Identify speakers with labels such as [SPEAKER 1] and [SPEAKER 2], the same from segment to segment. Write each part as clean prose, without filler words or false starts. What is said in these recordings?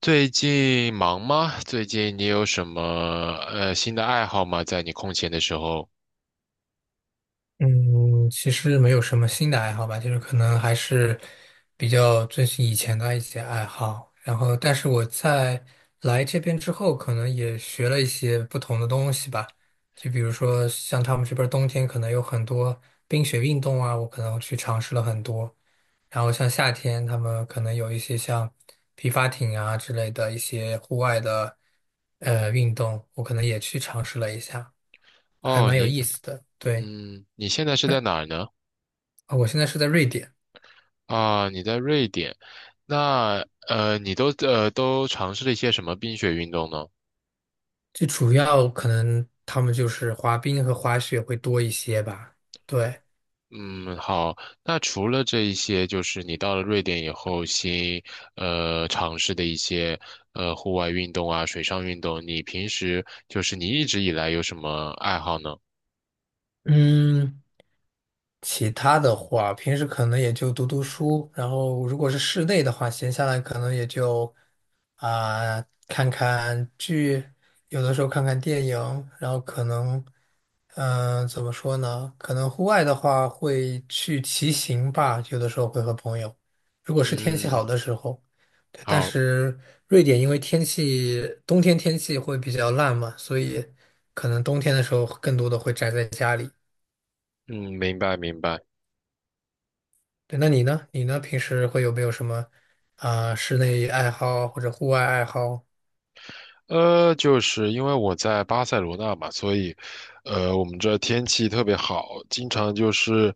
[SPEAKER 1] 最近忙吗？最近你有什么新的爱好吗？在你空闲的时候？
[SPEAKER 2] 嗯，其实没有什么新的爱好吧，就是可能还是比较遵循以前的一些爱好。然后，但是我在来这边之后，可能也学了一些不同的东西吧。就比如说，像他们这边儿冬天可能有很多冰雪运动啊，我可能去尝试了很多。然后像夏天，他们可能有一些像皮划艇啊之类的一些户外的运动，我可能也去尝试了一下，还
[SPEAKER 1] 哦，
[SPEAKER 2] 蛮有
[SPEAKER 1] 你
[SPEAKER 2] 意思的。对，
[SPEAKER 1] 嗯，你现在是在哪儿呢？
[SPEAKER 2] 我现在是在瑞典。
[SPEAKER 1] 啊，你在瑞典。那你都都尝试了一些什么冰雪运动呢？
[SPEAKER 2] 最主要可能他们就是滑冰和滑雪会多一些吧。对。
[SPEAKER 1] 嗯，好。那除了这一些，就是你到了瑞典以后新尝试的一些户外运动啊，水上运动，你平时就是你一直以来有什么爱好呢？
[SPEAKER 2] 嗯，其他的话，平时可能也就读读书，然后如果是室内的话，闲下来可能也就看看剧，有的时候看看电影，然后可能怎么说呢？可能户外的话会去骑行吧，有的时候会和朋友，如果是天气好
[SPEAKER 1] 嗯，
[SPEAKER 2] 的时候。对，但
[SPEAKER 1] 好。
[SPEAKER 2] 是瑞典因为天气冬天天气会比较烂嘛，所以可能冬天的时候更多的会宅在家里。
[SPEAKER 1] 嗯，明白明白。
[SPEAKER 2] 对，那你呢？你呢？平时会有没有什么室内爱好或者户外爱好？
[SPEAKER 1] 就是因为我在巴塞罗那嘛，所以，我们这天气特别好，经常就是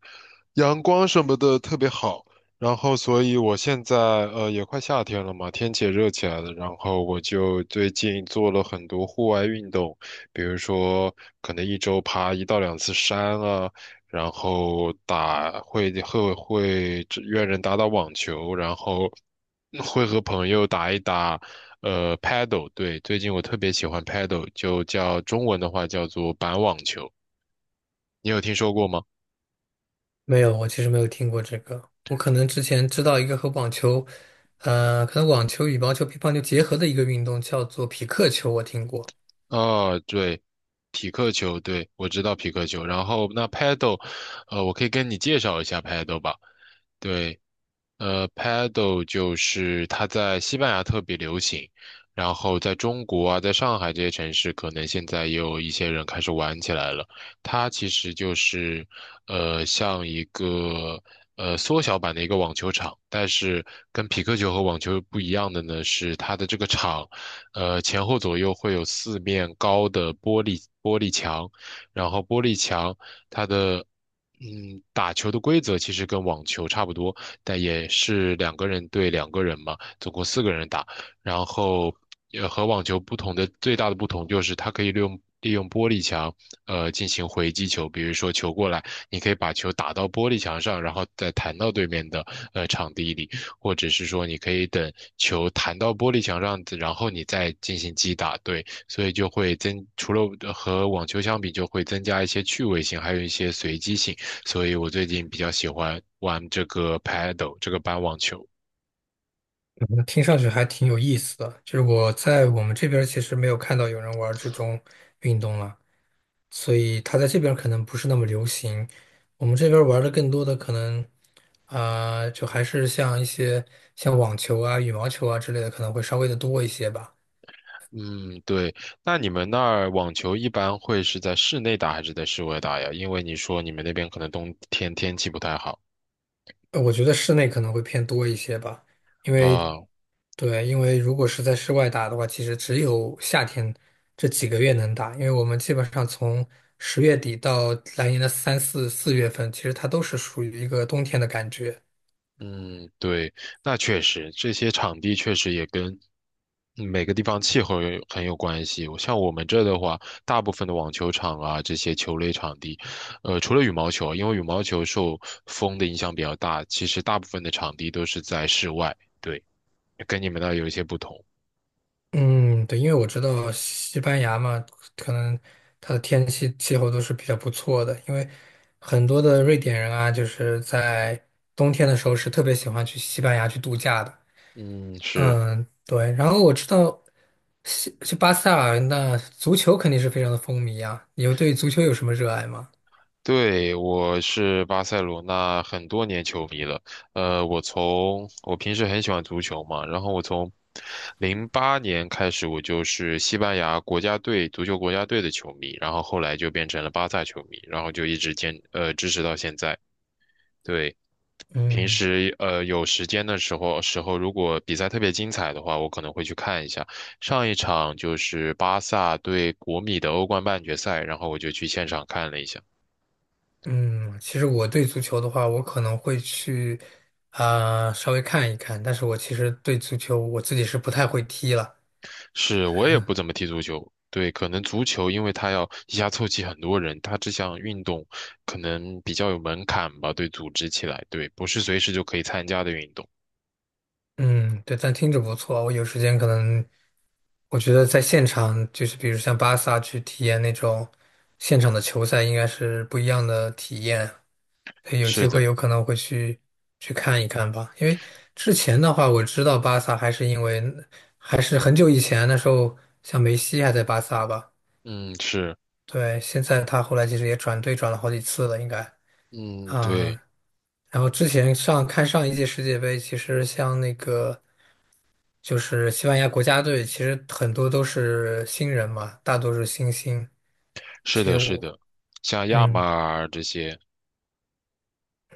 [SPEAKER 1] 阳光什么的特别好。然后，所以我现在也快夏天了嘛，天气也热起来了。然后我就最近做了很多户外运动，比如说可能一周爬一到两次山啊，然后打会只约人打打网球，然后会和朋友打一打paddle。对，最近我特别喜欢 paddle,就叫中文的话叫做板网球，你有听说过吗？
[SPEAKER 2] 没有，我其实没有听过这个。我可能之前知道一个和网球，可能网球、羽毛球、乒乓球结合的一个运动叫做匹克球，我听过。
[SPEAKER 1] 啊，对，匹克球，对，我知道匹克球。然后那 paddle，我可以跟你介绍一下 paddle 吧。对，paddle 就是它在西班牙特别流行，然后在中国啊，在上海这些城市，可能现在也有一些人开始玩起来了。它其实就是，像一个缩小版的一个网球场，但是跟匹克球和网球不一样的呢，是它的这个场，前后左右会有四面高的玻璃墙，然后玻璃墙它的。嗯，打球的规则其实跟网球差不多，但也是两个人对两个人嘛，总共四个人打。然后，和网球不同的最大的不同就是它可以利用玻璃墙，进行回击球。比如说球过来，你可以把球打到玻璃墙上，然后再弹到对面的场地里，或者是说你可以等球弹到玻璃墙上，然后你再进行击打。对，所以就会增，除了和网球相比，就会增加一些趣味性，还有一些随机性。所以我最近比较喜欢玩这个 paddle 这个板网球。
[SPEAKER 2] 嗯，听上去还挺有意思的，就是我在我们这边儿其实没有看到有人玩儿这种运动了。所以它在这边儿可能不是那么流行。我们这边儿玩的更多的可能，就还是像一些像网球啊、羽毛球啊之类的，可能会稍微的多一些吧。
[SPEAKER 1] 嗯，对。那你们那儿网球一般会是在室内打还是在室外打呀？因为你说你们那边可能冬天天气不太好
[SPEAKER 2] 我觉得室内可能会偏多一些吧，因为
[SPEAKER 1] 啊，
[SPEAKER 2] 对，因为如果是在室外打的话，其实只有夏天这几个月能打，因为我们基本上从十月底到来年的三四月份，其实它都是属于一个冬天的感觉。
[SPEAKER 1] 嗯，对，那确实，这些场地确实也跟每个地方气候有很有关系。我像我们这的话，大部分的网球场啊，这些球类场地，除了羽毛球，因为羽毛球受风的影响比较大，其实大部分的场地都是在室外。对，跟你们那儿有一些不同。
[SPEAKER 2] 嗯，对，因为我知道西班牙嘛，可能它的天气气候都是比较不错的，因为很多的瑞典人啊，就是在冬天的时候是特别喜欢去西班牙去度假的。
[SPEAKER 1] 嗯，是。
[SPEAKER 2] 嗯，对，然后我知道西去巴塞尔，那足球肯定是非常的风靡啊。你有对足球有什么热爱吗？
[SPEAKER 1] 对，我是巴塞罗那很多年球迷了。我从我平时很喜欢足球嘛，然后我从08年开始，我就是西班牙国家队足球国家队的球迷，然后后来就变成了巴萨球迷，然后就一直支持到现在。对，平
[SPEAKER 2] 嗯
[SPEAKER 1] 时有时间的时候，如果比赛特别精彩的话，我可能会去看一下。上一场就是巴萨对国米的欧冠半决赛，然后我就去现场看了一下。
[SPEAKER 2] 嗯，其实我对足球的话，我可能会去稍微看一看，但是我其实对足球我自己是不太会踢了。
[SPEAKER 1] 是我也不怎么踢足球，对，可能足球因为它要一下凑齐很多人，它这项运动可能比较有门槛吧，对，组织起来，对，不是随时就可以参加的运动。
[SPEAKER 2] 嗯，对，但听着不错。我有时间可能，我觉得在现场，就是比如像巴萨去体验那种现场的球赛，应该是不一样的体验。所以有机
[SPEAKER 1] 是
[SPEAKER 2] 会
[SPEAKER 1] 的，
[SPEAKER 2] 有可能会去去看一看吧。因为之前的话，我知道巴萨还是很久以前那时候，像梅西还在巴萨吧。
[SPEAKER 1] 嗯，是，
[SPEAKER 2] 对，现在他后来其实也转队转了好几次了，应该。
[SPEAKER 1] 嗯，对，
[SPEAKER 2] 啊、然后之前上一届世界杯，其实像那个。就是西班牙国家队，其实很多都是新人嘛，大多是新星。其
[SPEAKER 1] 是
[SPEAKER 2] 实
[SPEAKER 1] 的，是
[SPEAKER 2] 我，
[SPEAKER 1] 的，像亚马
[SPEAKER 2] 嗯
[SPEAKER 1] 尔这些，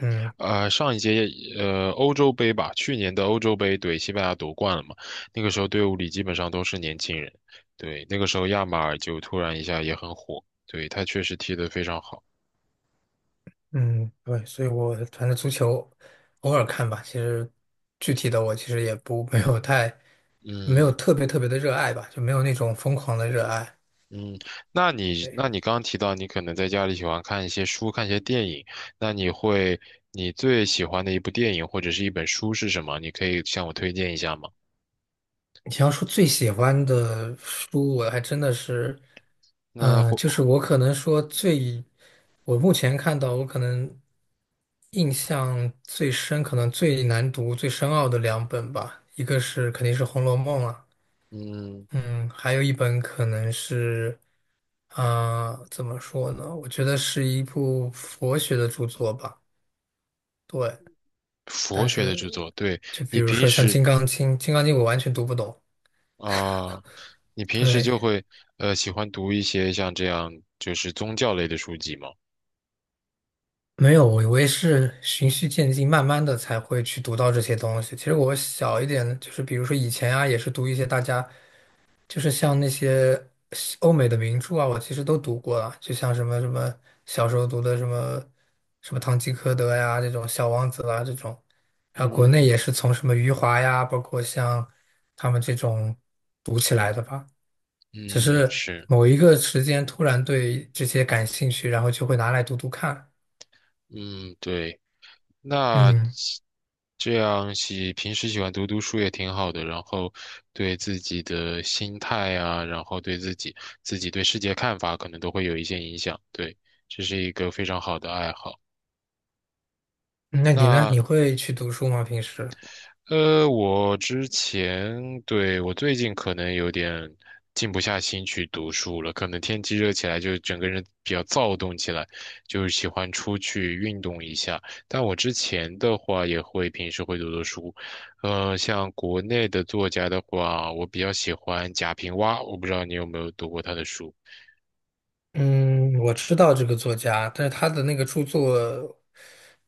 [SPEAKER 2] 嗯
[SPEAKER 1] 上一届欧洲杯吧，去年的欧洲杯，对，西班牙夺冠了嘛，那个时候队伍里基本上都是年轻人，对，那个时候亚马尔就突然一下也很火，对，他确实踢得非常好。
[SPEAKER 2] 嗯，对，所以我反正足球偶尔看吧，其实具体的我其实也不没有太没有
[SPEAKER 1] 嗯，
[SPEAKER 2] 特别特别的热爱吧，就没有那种疯狂的热爱。
[SPEAKER 1] 嗯，那
[SPEAKER 2] 对。
[SPEAKER 1] 你刚刚提到你可能在家里喜欢看一些书，看一些电影，那你会你最喜欢的一部电影或者是一本书是什么？你可以向我推荐一下吗？
[SPEAKER 2] 你要说最喜欢的书，我还真的是，
[SPEAKER 1] 那或
[SPEAKER 2] 就是我可能说最，我目前看到我可能印象最深，可能最难读、最深奥的两本吧，一个是肯定是《红楼梦》了。
[SPEAKER 1] 嗯，
[SPEAKER 2] 嗯，还有一本可能是，怎么说呢？我觉得是一部佛学的著作吧，对，
[SPEAKER 1] 佛
[SPEAKER 2] 但
[SPEAKER 1] 学的
[SPEAKER 2] 是
[SPEAKER 1] 著作，对，
[SPEAKER 2] 就比
[SPEAKER 1] 你
[SPEAKER 2] 如
[SPEAKER 1] 平
[SPEAKER 2] 说像
[SPEAKER 1] 时
[SPEAKER 2] 《金刚经》，《金刚经》我完全读不懂，
[SPEAKER 1] 啊，你平时
[SPEAKER 2] 对。
[SPEAKER 1] 就会喜欢读一些像这样就是宗教类的书籍吗？
[SPEAKER 2] 没有，我也是循序渐进，慢慢的才会去读到这些东西。其实我小一点，就是比如说以前啊，也是读一些大家就是像那些西欧美的名著啊，我其实都读过了，就像什么什么小时候读的什么什么《堂吉诃德》呀，这种《小王子》啦这种，然后国内也
[SPEAKER 1] 嗯
[SPEAKER 2] 是从什么余华呀，包括像他们这种读起来的吧。只
[SPEAKER 1] 嗯，
[SPEAKER 2] 是
[SPEAKER 1] 是，
[SPEAKER 2] 某一个时间突然对这些感兴趣，然后就会拿来读读看。
[SPEAKER 1] 嗯对。那
[SPEAKER 2] 嗯。
[SPEAKER 1] 这样喜平时喜欢读读书也挺好的，然后对自己的心态啊，然后自己对世界看法，可能都会有一些影响。对，这是一个非常好的爱好。
[SPEAKER 2] 那你呢？
[SPEAKER 1] 那
[SPEAKER 2] 你会去读书吗？平时？
[SPEAKER 1] 我之前，对，我最近可能有点静不下心去读书了，可能天气热起来，就整个人比较躁动起来，就是喜欢出去运动一下。但我之前的话，也会平时会读读书，像国内的作家的话，我比较喜欢贾平凹，我不知道你有没有读过他的书，
[SPEAKER 2] 嗯，我知道这个作家，但是他的那个著作，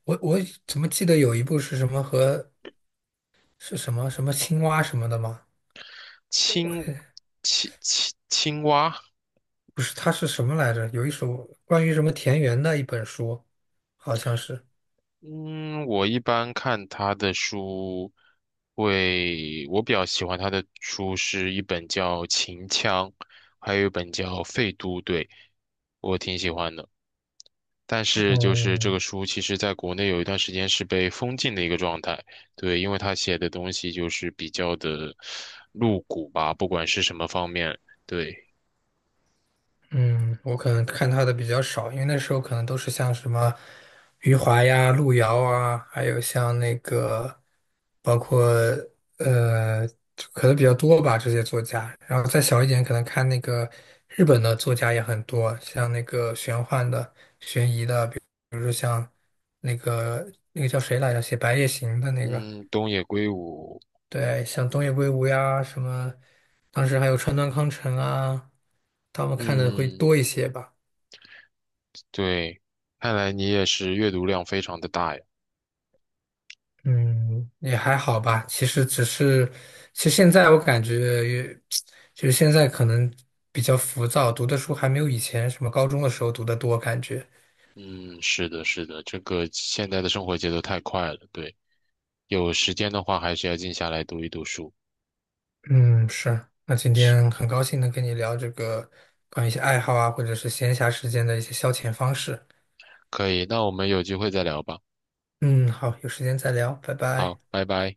[SPEAKER 2] 我怎么记得有一部是什么和是什么什么青蛙什么的吗？
[SPEAKER 1] 青青蛙。
[SPEAKER 2] 不是，他是什么来着？有一首关于什么田园的一本书，好像是。
[SPEAKER 1] 嗯，我一般看他的书会，我比较喜欢他的书是一本叫《秦腔》，还有一本叫《废都》，对，我挺喜欢的。但是就是这
[SPEAKER 2] 嗯。
[SPEAKER 1] 个书，其实在国内有一段时间是被封禁的一个状态，对，因为他写的东西就是比较的露骨吧，不管是什么方面，对，
[SPEAKER 2] 嗯，我可能看他的比较少，因为那时候可能都是像什么余华呀、路遥啊，还有像那个包括呃，可能比较多吧这些作家。然后再小一点，可能看那个日本的作家也很多，像那个玄幻的、悬疑的，比如说像那个叫谁来着，写《白夜行》的那个，
[SPEAKER 1] 嗯，东野圭吾，
[SPEAKER 2] 对，像东野圭吾呀什么，当时还有川端康成啊，他们看的会
[SPEAKER 1] 嗯，
[SPEAKER 2] 多一些吧。
[SPEAKER 1] 对，看来你也是阅读量非常的大呀。
[SPEAKER 2] 嗯，也还好吧。其实只是，其实现在我感觉也，就是现在可能比较浮躁，读的书还没有以前什么高中的时候读的多，感觉。
[SPEAKER 1] 嗯，是的，是的，这个现在的生活节奏太快了，对，有时间的话还是要静下来读一读书。
[SPEAKER 2] 嗯，是。那今天很高兴能跟你聊这个关于一些爱好啊，或者是闲暇时间的一些消遣方式。
[SPEAKER 1] 可以，那我们有机会再聊吧。
[SPEAKER 2] 嗯，好，有时间再聊，拜拜。
[SPEAKER 1] 好，拜拜。